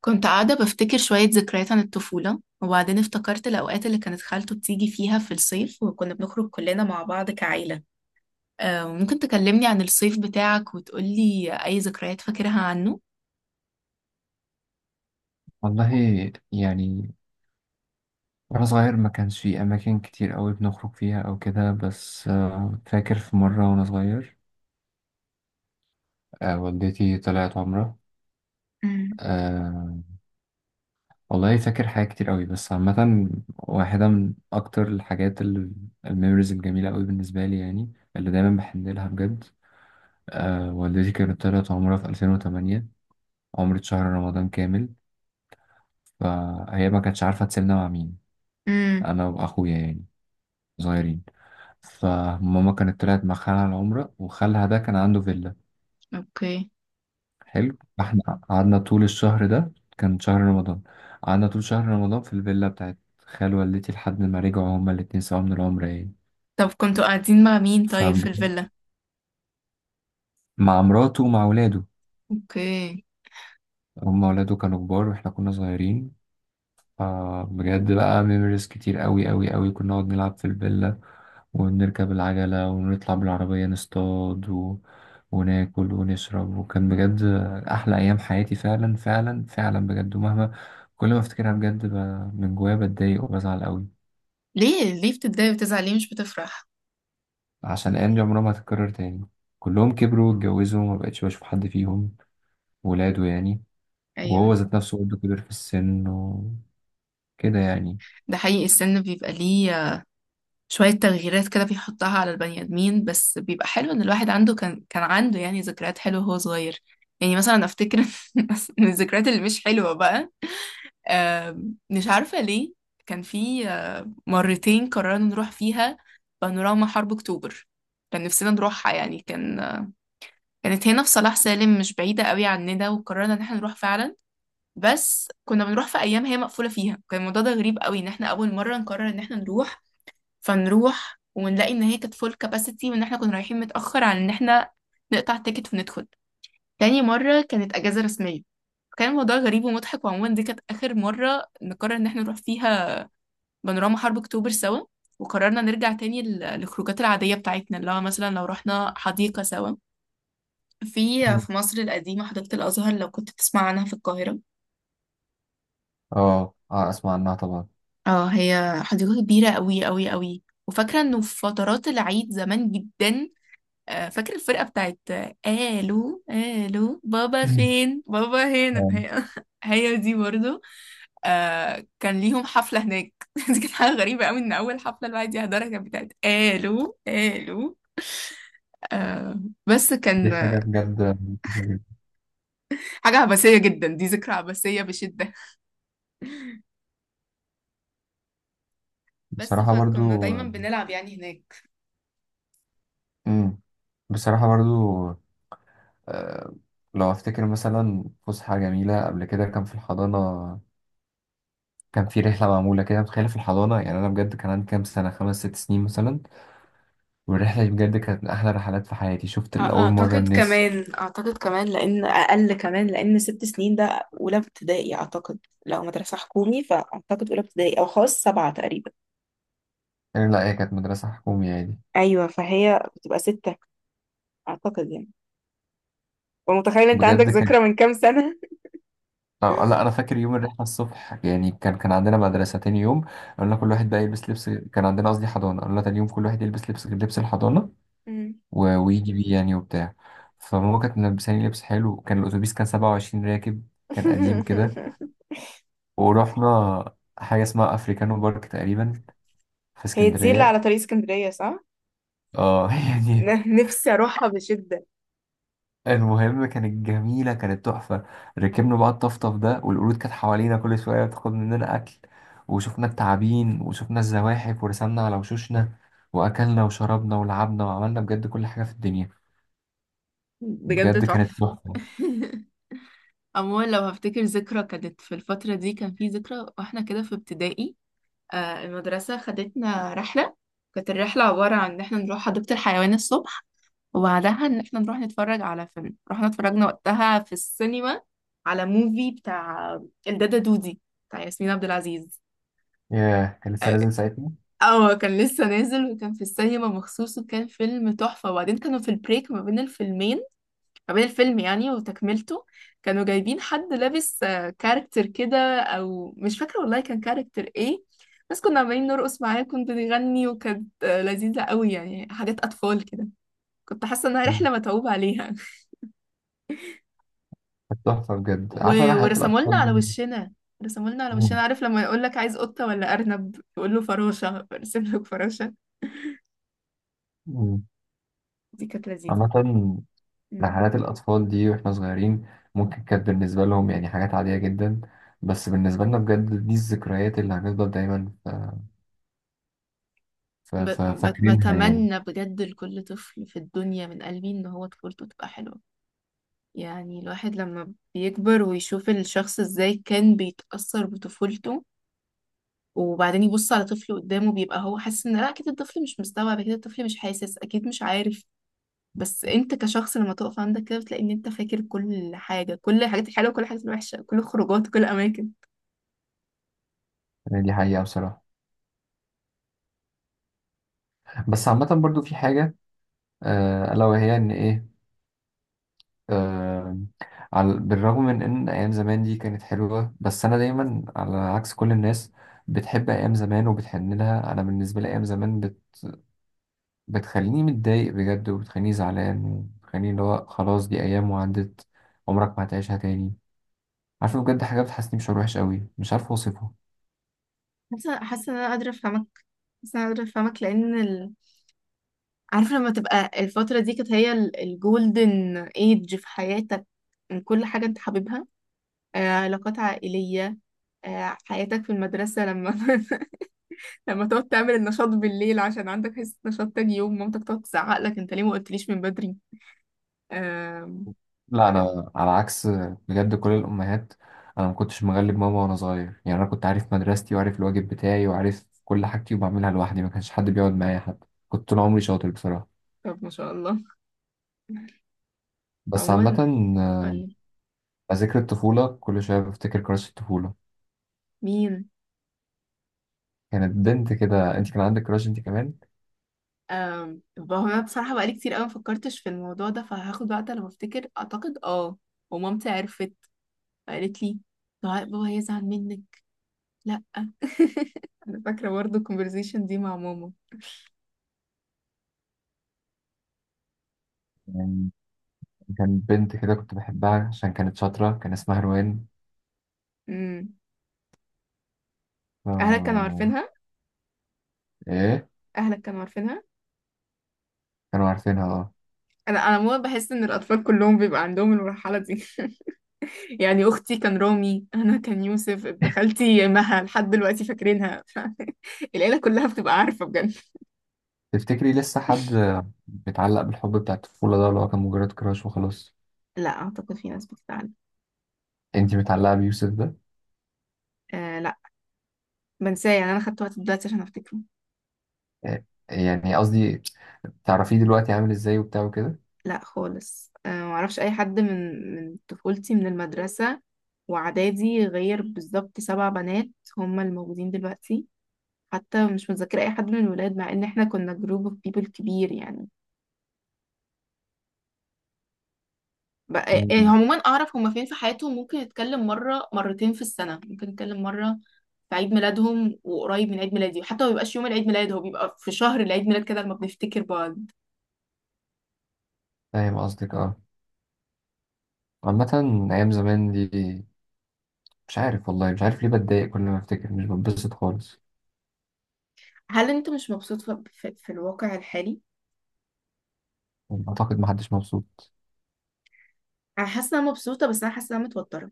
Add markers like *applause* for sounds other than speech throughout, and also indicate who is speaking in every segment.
Speaker 1: كنت قاعدة بفتكر شوية ذكريات عن الطفولة، وبعدين افتكرت الأوقات اللي كانت خالته بتيجي فيها في الصيف، وكنا بنخرج كلنا مع بعض كعيلة. ممكن تكلمني عن الصيف بتاعك وتقولي أي ذكريات فاكرها عنه؟
Speaker 2: والله يعني وأنا صغير ما كانش في أماكن كتير أوي بنخرج فيها أو كده بس، فاكر في مرة وأنا صغير. والدتي طلعت عمرة.
Speaker 1: امم.
Speaker 2: أه والله فاكر حاجات كتير أوي بس عامة، واحدة من أكتر الميموريز الجميلة أوي بالنسبة لي يعني اللي دايما بحن لها بجد. والدتي كانت طلعت عمرة في 2008، عمرة شهر رمضان كامل، فهي ما كانتش عارفة تسيبنا مع مين.
Speaker 1: امم.
Speaker 2: أنا وأخويا يعني صغيرين، فماما كانت طلعت مع خالها العمرة، وخالها ده كان عنده فيلا.
Speaker 1: اوكي.
Speaker 2: حلو، فاحنا قعدنا طول الشهر ده، كان شهر رمضان، قعدنا طول شهر رمضان في الفيلا بتاعت خال والدتي لحد ما رجعوا هما الاتنين سوا من العمرة يعني.
Speaker 1: طب كنتوا قاعدين مع مين طيب
Speaker 2: فمع
Speaker 1: في الفيلا؟
Speaker 2: مراته ومع ولاده،
Speaker 1: اوكي.
Speaker 2: هما ولاده كانوا كبار واحنا كنا صغيرين. فبجد بقى ميموريز كتير قوي قوي قوي، كنا نقعد نلعب في الفيلا، ونركب العجلة، ونطلع بالعربية نصطاد وناكل ونشرب، وكان بجد أحلى أيام حياتي فعلا فعلا فعلا بجد. ومهما كل ما أفتكرها بجد من جوايا بتضايق وبزعل قوي،
Speaker 1: ليه ليه بتتضايق وتزعل، ليه مش بتفرح؟
Speaker 2: عشان الأيام دي عمرها ما هتتكرر تاني. كلهم كبروا واتجوزوا وما بقتش بشوف حد فيهم، ولاده يعني، وهو
Speaker 1: ايوه.
Speaker 2: ذات نفسه برضه كبر في السن وكده يعني.
Speaker 1: ده حقيقي، السن بيبقى ليه شوية تغييرات كده بيحطها على البني آدمين، بس بيبقى حلو إن الواحد عنده كان عنده يعني ذكريات حلوة وهو صغير. يعني مثلا أفتكر *laughs* من الذكريات اللي مش حلوة بقى، مش عارفة ليه. كان في مرتين قررنا نروح فيها بانوراما حرب أكتوبر. كان نفسنا نروحها، يعني كان كانت هنا في صلاح سالم، مش بعيدة قوي عننا، وقررنا إن احنا نروح فعلا. بس كنا بنروح في أيام هي مقفولة فيها. كان الموضوع ده غريب قوي، إن احنا أول مرة نقرر إن احنا نروح، فنروح ونلاقي ان هي كانت فول كاباسيتي، وان احنا كنا رايحين متأخر عن ان احنا نقطع تيكت وندخل. تاني مرة كانت اجازة رسمية. كان الموضوع غريب ومضحك. وعموما دي كانت آخر مرة نقرر إن احنا نروح فيها بانوراما حرب أكتوبر سوا. وقررنا نرجع تاني للخروجات العادية بتاعتنا، اللي هو مثلا لو رحنا حديقة سوا في مصر القديمة، حديقة الأزهر، لو كنت تسمع عنها في القاهرة.
Speaker 2: اه اه، اسمع عنها طبعا.
Speaker 1: اه، هي حديقة كبيرة أوي أوي أوي. وفاكرة إنه في فترات العيد زمان جدا، فاكر الفرقة بتاعت الو الو بابا
Speaker 2: *clears throat*
Speaker 1: فين بابا، هنا
Speaker 2: آه.
Speaker 1: هي، *laughs* هي دي برضو. كان ليهم حفلة هناك *laughs* دي كانت حاجة غريبة قوي، ان اول حفلة الواحد يحضرها كانت بتاعت الو الو. آه بس
Speaker 2: دي
Speaker 1: كان
Speaker 2: حاجة بجد مفيدة جدا.
Speaker 1: حاجة عبثية جدا. دي ذكرى عبثية بشدة. بس
Speaker 2: بصراحة
Speaker 1: فكنا
Speaker 2: برضو.
Speaker 1: دايما بنلعب يعني هناك.
Speaker 2: مم. بصراحة برضو، آه، لو أفتكر مثلا فسحة جميلة قبل كده كان في الحضانة، كان في رحلة معمولة كده متخيلة في الحضانة. يعني أنا بجد كان عندي كام سنة، خمس ست سنين مثلا، والرحلة دي بجد كانت من أحلى رحلات في حياتي. شفت لأول مرة
Speaker 1: اعتقد
Speaker 2: النسر.
Speaker 1: كمان، لان اقل كمان، لان 6 سنين ده اولى ابتدائي اعتقد. لو مدرسه حكومي فاعتقد اولى ابتدائي، او خاص 7 تقريبا.
Speaker 2: لا هي كانت مدرسة حكومية يعني.
Speaker 1: ايوه، فهي بتبقى 6 اعتقد يعني. ومتخيل انت عندك
Speaker 2: بجد
Speaker 1: ذكرى
Speaker 2: كانت.
Speaker 1: من كام سنة.
Speaker 2: لا أنا فاكر يوم الرحلة الصبح يعني. كان عندنا مدرسة تاني يوم، قلنا كل
Speaker 1: آه.
Speaker 2: واحد بقى يلبس لبس، كان عندنا قصدي حضانة، قلنا تاني يوم كل واحد يلبس لبس الحضانة
Speaker 1: مم.
Speaker 2: ويجي بيه يعني وبتاع. فماما كانت ملبساني لبس حلو. كان الأتوبيس كان 27 راكب، كان قديم كده.
Speaker 1: *laughs*
Speaker 2: ورحنا حاجة اسمها أفريكانو بارك تقريبا في
Speaker 1: هي دي اللي
Speaker 2: اسكندرية.
Speaker 1: على طريق اسكندرية، صح؟
Speaker 2: اه *laughs* يعني.
Speaker 1: نفسي اروحها بشدة.
Speaker 2: المهم كانت جميلة، كانت تحفة. ركبنا بقى الطفطف ده، والقرود كانت حوالينا كل شوية بتاخد مننا أكل، وشفنا التعابين وشفنا الزواحف، ورسمنا على وشوشنا، وأكلنا وشربنا ولعبنا، وعملنا بجد كل حاجة في الدنيا.
Speaker 1: بجد
Speaker 2: بجد كانت
Speaker 1: تحفة.
Speaker 2: تحفة.
Speaker 1: *laughs* عموما لو هفتكر ذكرى كانت في الفترة دي، كان في ذكرى واحنا كده في ابتدائي. المدرسة خدتنا رحلة. كانت الرحلة عبارة عن ان احنا نروح حديقة الحيوان الصبح، وبعدها ان احنا نروح نتفرج على فيلم. رحنا اتفرجنا وقتها في السينما على موفي بتاع الدادا دودي، بتاع ياسمين عبد العزيز.
Speaker 2: ياه كان لسه نازل ساعتها.
Speaker 1: اه، كان لسه نازل، وكان في السينما مخصوص، وكان فيلم تحفة. وبعدين كانوا في البريك ما بين الفيلمين، ما بين الفيلم يعني وتكملته، كانوا جايبين حد لابس كاركتر كده، او مش فاكرة والله كان كاركتر ايه، بس كنا عمالين نرقص معاه، كنت نغني، وكانت لذيذة قوي، يعني حاجات اطفال كده. كنت حاسة انها رحلة متعوب عليها.
Speaker 2: تحفة بجد،
Speaker 1: و...
Speaker 2: عارفة رحلات
Speaker 1: ورسموا لنا على
Speaker 2: الأطفال دي.
Speaker 1: وشنا.
Speaker 2: مم.
Speaker 1: عارف لما يقول لك عايز قطة ولا أرنب، تقول له فراشة برسم لك فراشة.
Speaker 2: مم.
Speaker 1: دي كانت لذيذة.
Speaker 2: عامة
Speaker 1: مم.
Speaker 2: رحلات الأطفال دي وإحنا صغيرين ممكن كانت بالنسبة لهم يعني حاجات عادية جدا، بس بالنسبة لنا بجد دي الذكريات اللي هنفضل دايما
Speaker 1: ب...
Speaker 2: فاكرينها يعني.
Speaker 1: بتمنى بجد لكل طفل في الدنيا من قلبي إن هو طفولته تبقى حلوة. يعني الواحد لما بيكبر ويشوف الشخص إزاي كان بيتأثر بطفولته، وبعدين يبص على طفل قدامه، بيبقى هو حاسس إن لا، أكيد الطفل مش مستوعب، أكيد الطفل مش حاسس، أكيد مش عارف، بس انت كشخص لما تقف عندك كده بتلاقي ان انت فاكر كل حاجه، كل الحاجات الحلوه، كل الحاجات الوحشه، كل الخروجات، كل الاماكن.
Speaker 2: يعني دي حقيقة بصراحة. بس عامة برضو في حاجة، ألا وهي إن إيه، آه، على بالرغم من إن أيام زمان دي كانت حلوة، بس أنا دايما على عكس كل الناس بتحب أيام زمان وبتحن لها. أنا بالنسبة لي أيام زمان بتخليني متضايق بجد، وبتخليني زعلان، وبتخليني اللي هو خلاص دي أيام وعدت، عمرك ما هتعيشها تاني. عارفة بجد حاجة بتحسسني بشعور وحش قوي مش عارف أوصفه.
Speaker 1: حاسه ان انا قادره افهمك. حاسه ان انا قادره افهمك لان عارفه لما تبقى الفتره دي كانت هي الجولدن ايج في حياتك، من كل حاجه انت حاببها، علاقات عائليه، حياتك في المدرسه، لما *laughs* لما تقعد تعمل النشاط بالليل عشان عندك حصه نشاط تاني يوم، مامتك تقعد تزعق لك انت ليه ما قلتليش من بدري. آم،
Speaker 2: لا أنا على عكس بجد كل الأمهات. أنا ما كنتش مغلب ماما وأنا صغير يعني. أنا كنت عارف مدرستي، وعارف الواجب بتاعي، وعارف كل حاجتي، وبعملها لوحدي، ما كانش حد بيقعد معايا، حتى كنت طول عمري شاطر بصراحة.
Speaker 1: طب ما شاء الله.
Speaker 2: بس عامة،
Speaker 1: عموما،
Speaker 2: ذكر الطفولة كل شوية بفتكر كراش الطفولة.
Speaker 1: مين؟
Speaker 2: كانت بنت كده. أنت كان عندك كراش أنت
Speaker 1: أم هو انا بصراحه بقالي كتير قوي ما فكرتش في الموضوع ده، فهاخد وقت لما افتكر، اعتقد اه. ومامتي عرفت، فقالت لي: "لا، بابا هيزعل منك، لا انا." فاكره برضه الكونفرزيشن دي مع ماما.
Speaker 2: كمان؟ كان بنت كده كنت بحبها عشان كانت شاطرة، كان اسمها روان.
Speaker 1: امم.
Speaker 2: ف...
Speaker 1: اهلك كانوا عارفينها؟
Speaker 2: إيه،
Speaker 1: اهلك كانوا عارفينها.
Speaker 2: كانوا عارفينها اه.
Speaker 1: انا ماما، بحس ان الاطفال كلهم بيبقى عندهم المرحله دي. *laughs* يعني اختي كان رامي، انا كان يوسف ابن خالتي مها، لحد دلوقتي فاكرينها. *laughs* العيله كلها بتبقى عارفه بجد.
Speaker 2: تفتكري لسه حد بيتعلق بالحب بتاع الطفولة ده اللي هو كان مجرد كراش وخلاص؟
Speaker 1: لا، اعتقد في ناس بتزعل.
Speaker 2: انتي متعلقة بيوسف ده؟
Speaker 1: آه، بنساه يعني، انا خدته وقت دلوقتي عشان افتكره.
Speaker 2: إيه، يعني قصدي تعرفيه دلوقتي عامل ازاي وبتاع وكده؟
Speaker 1: لا خالص. أه، معرفش اي حد من طفولتي، من المدرسة واعدادي، غير بالظبط 7 بنات هما الموجودين دلوقتي. حتى مش متذكرة اي حد من الولاد، مع ان احنا كنا جروب اوف بيبل كبير يعني. بقى إيه،
Speaker 2: مم.
Speaker 1: عموما اعرف هما فين في حياتهم، ممكن اتكلم مرة مرتين في السنة، ممكن اتكلم مرة في عيد ميلادهم وقريب من عيد ميلادي، وحتى ما بيبقاش يوم العيد ميلاد، هو بيبقى في شهر العيد ميلاد كده لما بنفتكر بعض.
Speaker 2: فاهم قصدك اه. عامة أيام زمان دي مش عارف والله، مش عارف ليه بتضايق كل ما أفتكر، مش بتبسط خالص.
Speaker 1: هل انت مش مبسوط في الواقع الحالي؟
Speaker 2: أعتقد محدش مبسوط.
Speaker 1: انا حاسه إن انا مبسوطه، بس انا حاسه إن انا متوتره.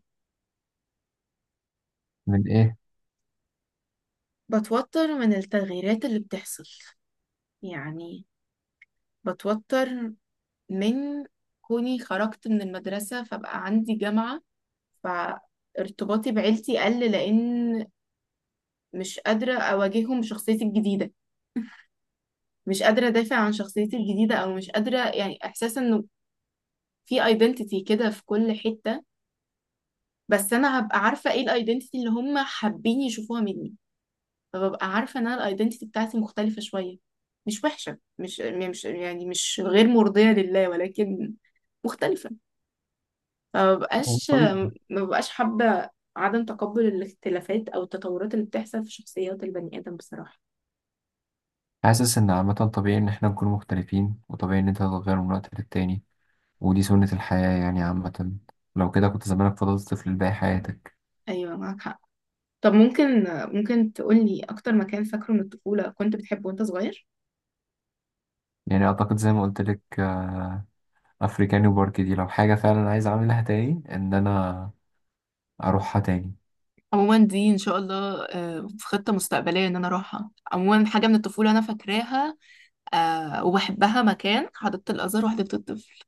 Speaker 2: من إيه؟
Speaker 1: بتوتر من التغييرات اللي بتحصل، يعني بتوتر من كوني خرجت من المدرسه فبقى عندي جامعه، فارتباطي بعيلتي قل، لان مش قادره اواجههم بشخصيتي الجديده، مش قادره ادافع عن شخصيتي الجديده، او مش قادره يعني. احساس انه في ايدنتيتي كده في كل حته، بس انا هبقى عارفه ايه الايدنتيتي اللي هم حابين يشوفوها مني، فببقى عارفة ان انا الايدنتي بتاعتي مختلفة شوية، مش وحشة، مش يعني مش غير مرضية لله، ولكن مختلفة. فمبقاش
Speaker 2: طبيعي.
Speaker 1: حابة عدم تقبل الاختلافات او التطورات اللي بتحصل في شخصيات البني ادم، بصراحة.
Speaker 2: حاسس إن عامة طبيعي إن إحنا نكون مختلفين، وطبيعي إن أنت تتغير من وقت للتاني، ودي سنة الحياة يعني. عامة لو كده كنت زمانك فضلت طفل باقي حياتك.
Speaker 1: ايوه، معاك حق. طب ممكن، تقولي اكتر مكان فاكره من الطفولة كنت بتحبه وانت صغير؟
Speaker 2: يعني أعتقد زي ما قلت لك، أفريكاني وبارك دي لو حاجة فعلا عايز أعملها تاني إن أنا أروحها تاني.
Speaker 1: عموما دي ان شاء الله في خطة مستقبلية ان انا اروحها. عموما حاجة من الطفولة انا فاكراها، وبحبها، مكان حديقة الازهر وحديقة الطفل.